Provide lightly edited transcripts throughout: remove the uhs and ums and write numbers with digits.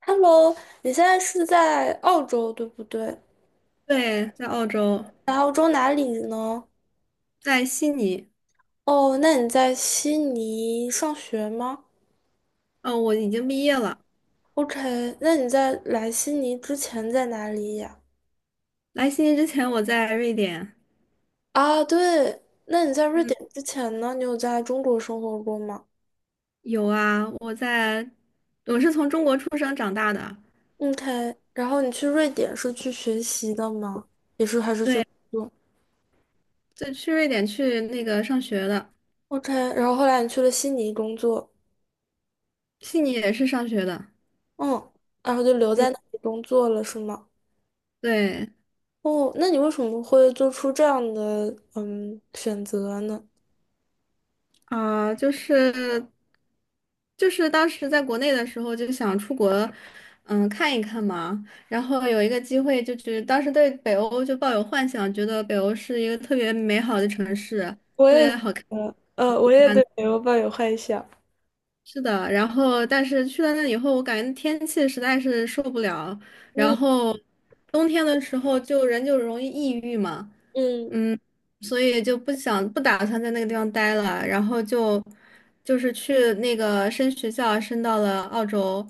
Hello，你现在是在澳洲对不对？对，在澳洲，在澳洲哪里呢？在悉尼。哦，那你在悉尼上学吗哦，我已经毕业了。？OK，那你在来悉尼之前在哪里呀？来悉尼之前，我在瑞典。啊，对，那你在瑞嗯，典之前呢？你有在中国生活过吗有啊，我是从中国出生长大的。？OK，然后你去瑞典是去学习的吗？也是还是去对，工作就去瑞典去那个上学的，？OK，然后后来你去了悉尼工作，悉尼也是上学的。嗯，然后就留嗯，在那里工作了是吗？对。哦，那你为什么会做出这样的选择呢？啊，就是当时在国内的时候就想出国，嗯，看一看嘛。然后有一个机会，就是当时对北欧就抱有幻想，觉得北欧是一个特别美好的城市，我特也，别好看。我也对北欧抱有幻想。是的，然后但是去了那以后，我感觉天气实在是受不了，然嗯后冬天的时候就人就容易抑郁嘛。嗯嗯，所以就不打算在那个地方待了，然后去那个升学校，升到了澳洲，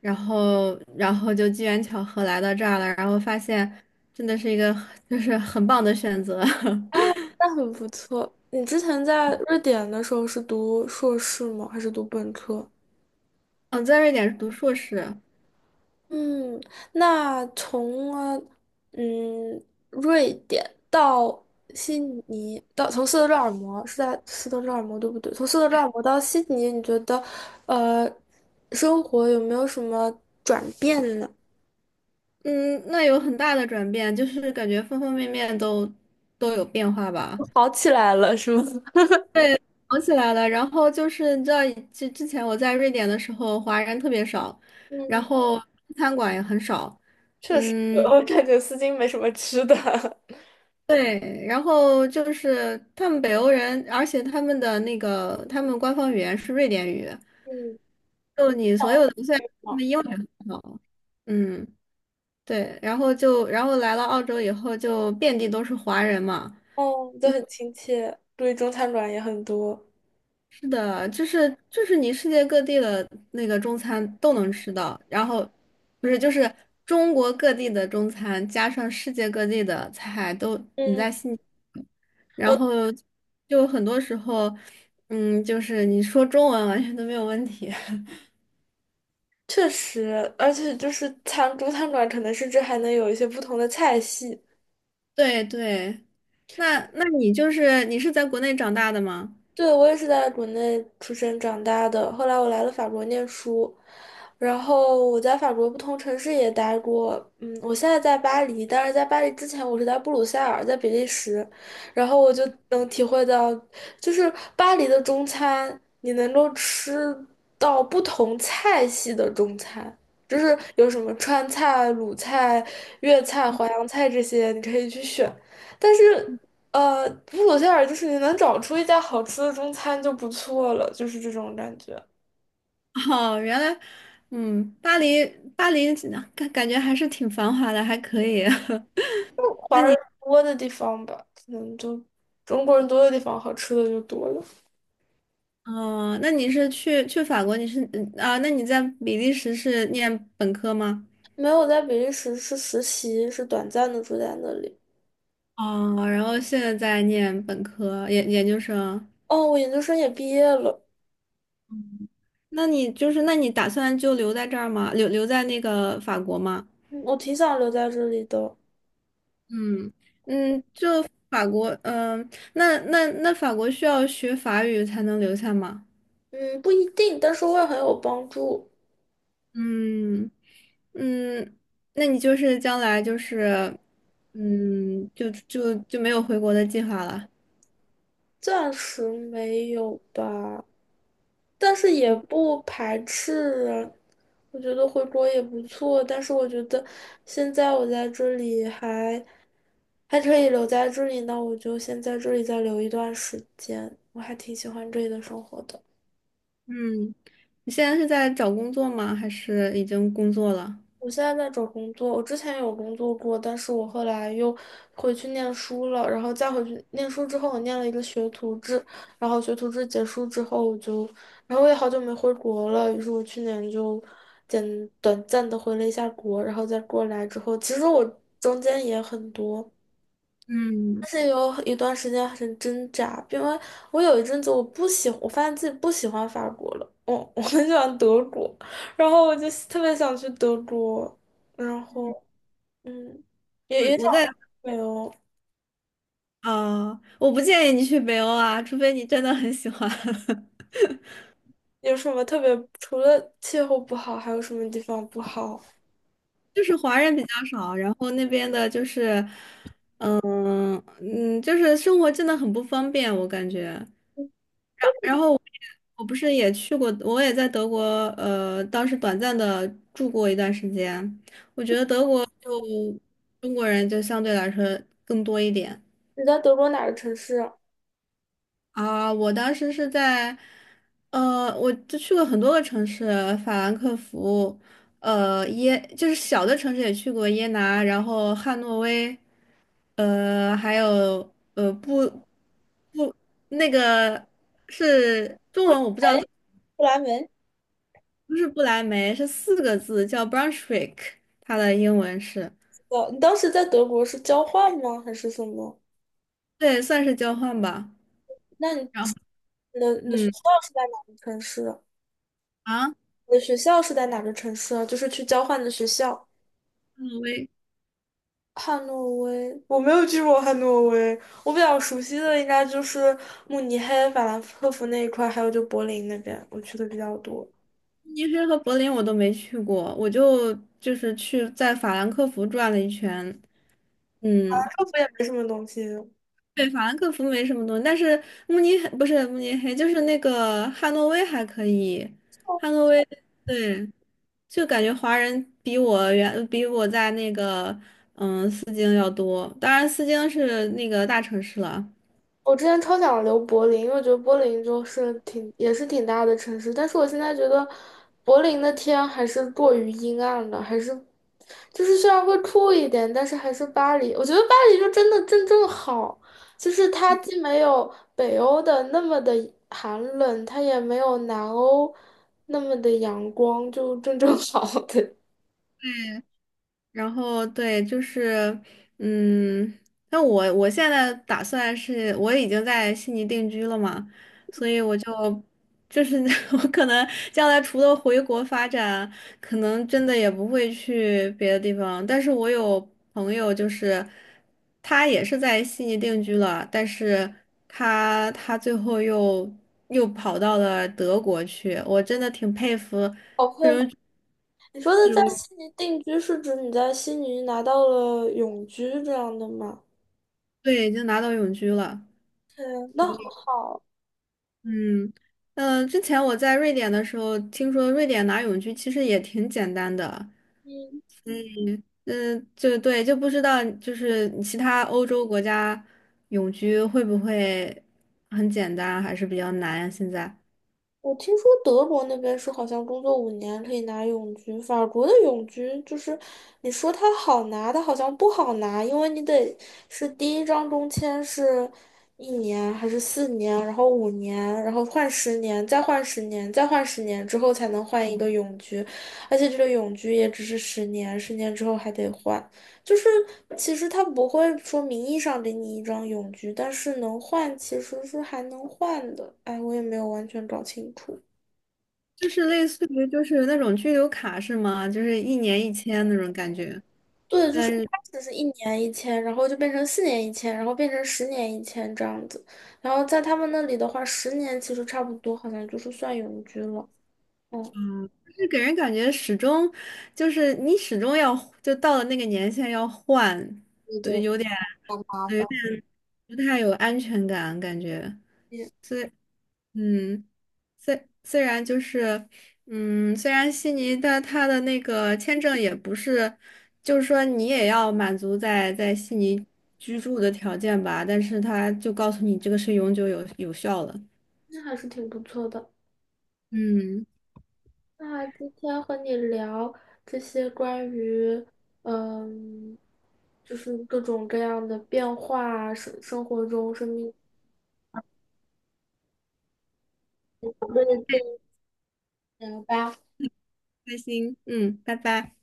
然后就机缘巧合来到这儿了，然后发现真的是一个很 就是很棒的选择。啊，那很不错。你之前在瑞典的时候是读硕士吗？还是读本科？嗯，在瑞典读硕士。嗯，那从嗯瑞典到悉尼，到从斯德哥尔摩是在斯德哥尔摩对不对？从斯德哥尔摩到悉尼，你觉得呃生活有没有什么转变呢？嗯，那有很大的转变，就是感觉方方面面都有变化吧。好起来了是吗？想起来了，然后就是你知道，之前我在瑞典的时候，华人特别少，然嗯，后餐馆也很少。确实，嗯，我感觉丝巾没什么吃的，对，然后就是他们北欧人，而且他们的那个他们官方语言是瑞典语，嗯，就你所有的虽然他好们英语很好。嗯，对，然后就然后来了澳洲以后，就遍地都是华人嘛。哦，都很亲切，注意中餐馆也很多。是的，就是你世界各地的那个中餐都能吃到，然后不是就是中国各地的中餐加上世界各地的菜都，嗯嗯然我。后就很多时候，嗯，就是你说中文完全都没有问题。确实，而且就是中餐馆可能甚至还能有一些不同的菜系，对对，那你你是在国内长大的吗？对，我也是在国内出生长大的，后来我来了法国念书，然后我在法国不同城市也待过，嗯，我现在在巴黎，但是在巴黎之前我是在布鲁塞尔，在比利时，然后我就能体会到，就是巴黎的中餐，你能够吃到不同菜系的中餐。就是有什么川菜、鲁菜、粤菜、淮扬菜这些，你可以去选。但是布鲁塞尔就是你能找出一家好吃的中餐就不错了，就是这种感觉。哦，原来，嗯，巴黎感觉还是挺繁华的，还可以。华人多的地方吧，可能就中国人多的地方，好吃的就多了。哦，那你是去法国？你是？那你在比利时是念本科吗？没有在比利时是实习，是短暂的住在那里。哦，然后现在在念本科研究生。哦，我研究生也毕业了，那你，那你打算就留在这儿吗？留在那个法国吗？嗯我挺想留在这里的。嗯嗯，法国，那法国需要学法语才能留下吗？嗯，不一定，但是会很有帮助。嗯嗯，那你就是将来，嗯，就没有回国的计划了。暂时没有吧，但是也不排斥啊我觉得回国也不错，但是我觉得现在我在这里还可以留在这里，那我就先在这里再留一段时间。我还挺喜欢这里的生活的。嗯，你现在是在找工作吗？还是已经工作了？我现在在找工作，我之前有工作过，但是我后来又回去念书了，然后再回去念书之后，我念了一个学徒制，然后学徒制结束之后，我就，然后我也好久没回国了，于是我去年就短暂的回了一下国，然后再过来之后，其实我中间也很多。嗯，但是有一段时间很挣扎，因为我有一阵子我不喜我发现自己不喜欢法国了，我 我很喜欢德国，然后我就特别想去德国，然后嗯，也我也想我在没有我不建议你去北欧啊，除非你真的很喜欢。有什么特别，除了气候不好，还有什么地方不好？就是华人比较少，然后那边的就是，就是生活真的很不方便，我感觉。我不是也去过，我也在德国，当时短暂的住过一段时间，就中国人就相对来说更多一点。你在德国哪个城市啊？啊，我当时是在，呃，我就去过很多个城市，法兰克福，就是小的城市也去过耶拿，然后汉诺威，还有布那个是中布莱文我不知道，哎，布莱梅。不是不来梅，是四个字叫 Brunswick，它的英文是，哦，你当时在德国是交换吗？还是什么？对，算是交换吧。那然后，你的学嗯，校是在哪个城市啊？啊，汉我的学校是在哪个城市啊？就是去交换的学校，诺威。汉诺威。我没有去过汉诺威，我比较熟悉的应该就是慕尼黑、法兰克福那一块，还有就柏林那边，我去的比较多。法慕尼黑和柏林我都没去过，就是去在法兰克福转了一圈。兰嗯，克福也没什么东西，对，法兰克福没什么东西，但是慕尼黑不是慕尼黑，就是那个汉诺威还可以。汉诺威，对，就感觉华人比我在那个嗯斯京要多，当然斯京是那个大城市了。我之前超想留柏林，因为我觉得柏林就是挺也是挺大的城市，但是我现在觉得柏林的天还是过于阴暗了，还是就是虽然会酷一点，但是还是巴黎。我觉得巴黎就真的正正好，就是它既没有北欧的那么的寒冷，它也没有南欧那么的阳光，就正正 好的。然后对，就是，嗯，那我现在打算是，我已经在悉尼定居了嘛，所以我就是 我可能将来除了回国发展，可能真的也不会去别的地方。但是我有朋友，就是他也是在悉尼定居了，但是他最后又跑到了德国去，我真的挺佩服好佩这服种。你说的在悉尼定居是指你在悉尼拿到了永居这样的吗？对，已经拿到永居了。嗯，那很好。嗯，之前我在瑞典的时候，听说瑞典拿永居其实也挺简单的，嗯，嗯、就对，就不知道就是其他欧洲国家永居会不会很简单，还是比较难呀？现在我听说德国那边是好像工作五年可以拿永居，法国的永居就是你说它好拿，它好像不好拿，因为你得是第一张中签是一年还是四年，然后五年，然后换十年，再换十年，再换十年之后才能换一个永居，而且这个永居也只是十年，十年之后还得换。就是其实他不会说名义上给你一张永居，但是能换其实是还能换的。哎，我也没有完全搞清楚。就是类似于就是那种居留卡是吗？就是一年一签那种感觉，对，就但是一开是始是1年1签，然后就变成4年1签，然后变成10年1签这样子。然后在他们那里的话，十年其实差不多，好像就是算永居了。嗯，就是给人感觉始终就是你始终要就到了那个年限要换，对对对，吧？有点不太有安全感感觉。也所以。嗯，虽然就是，嗯，虽然悉尼的他的那个签证也不是，就是说你也要满足在悉尼居住的条件吧，但是他就告诉你这个是永久有效的。那还是挺不错的。嗯，那今天和你聊这些关于，嗯，就是各种各样的变化，生活中生命中的经验吧。开心，嗯，拜拜。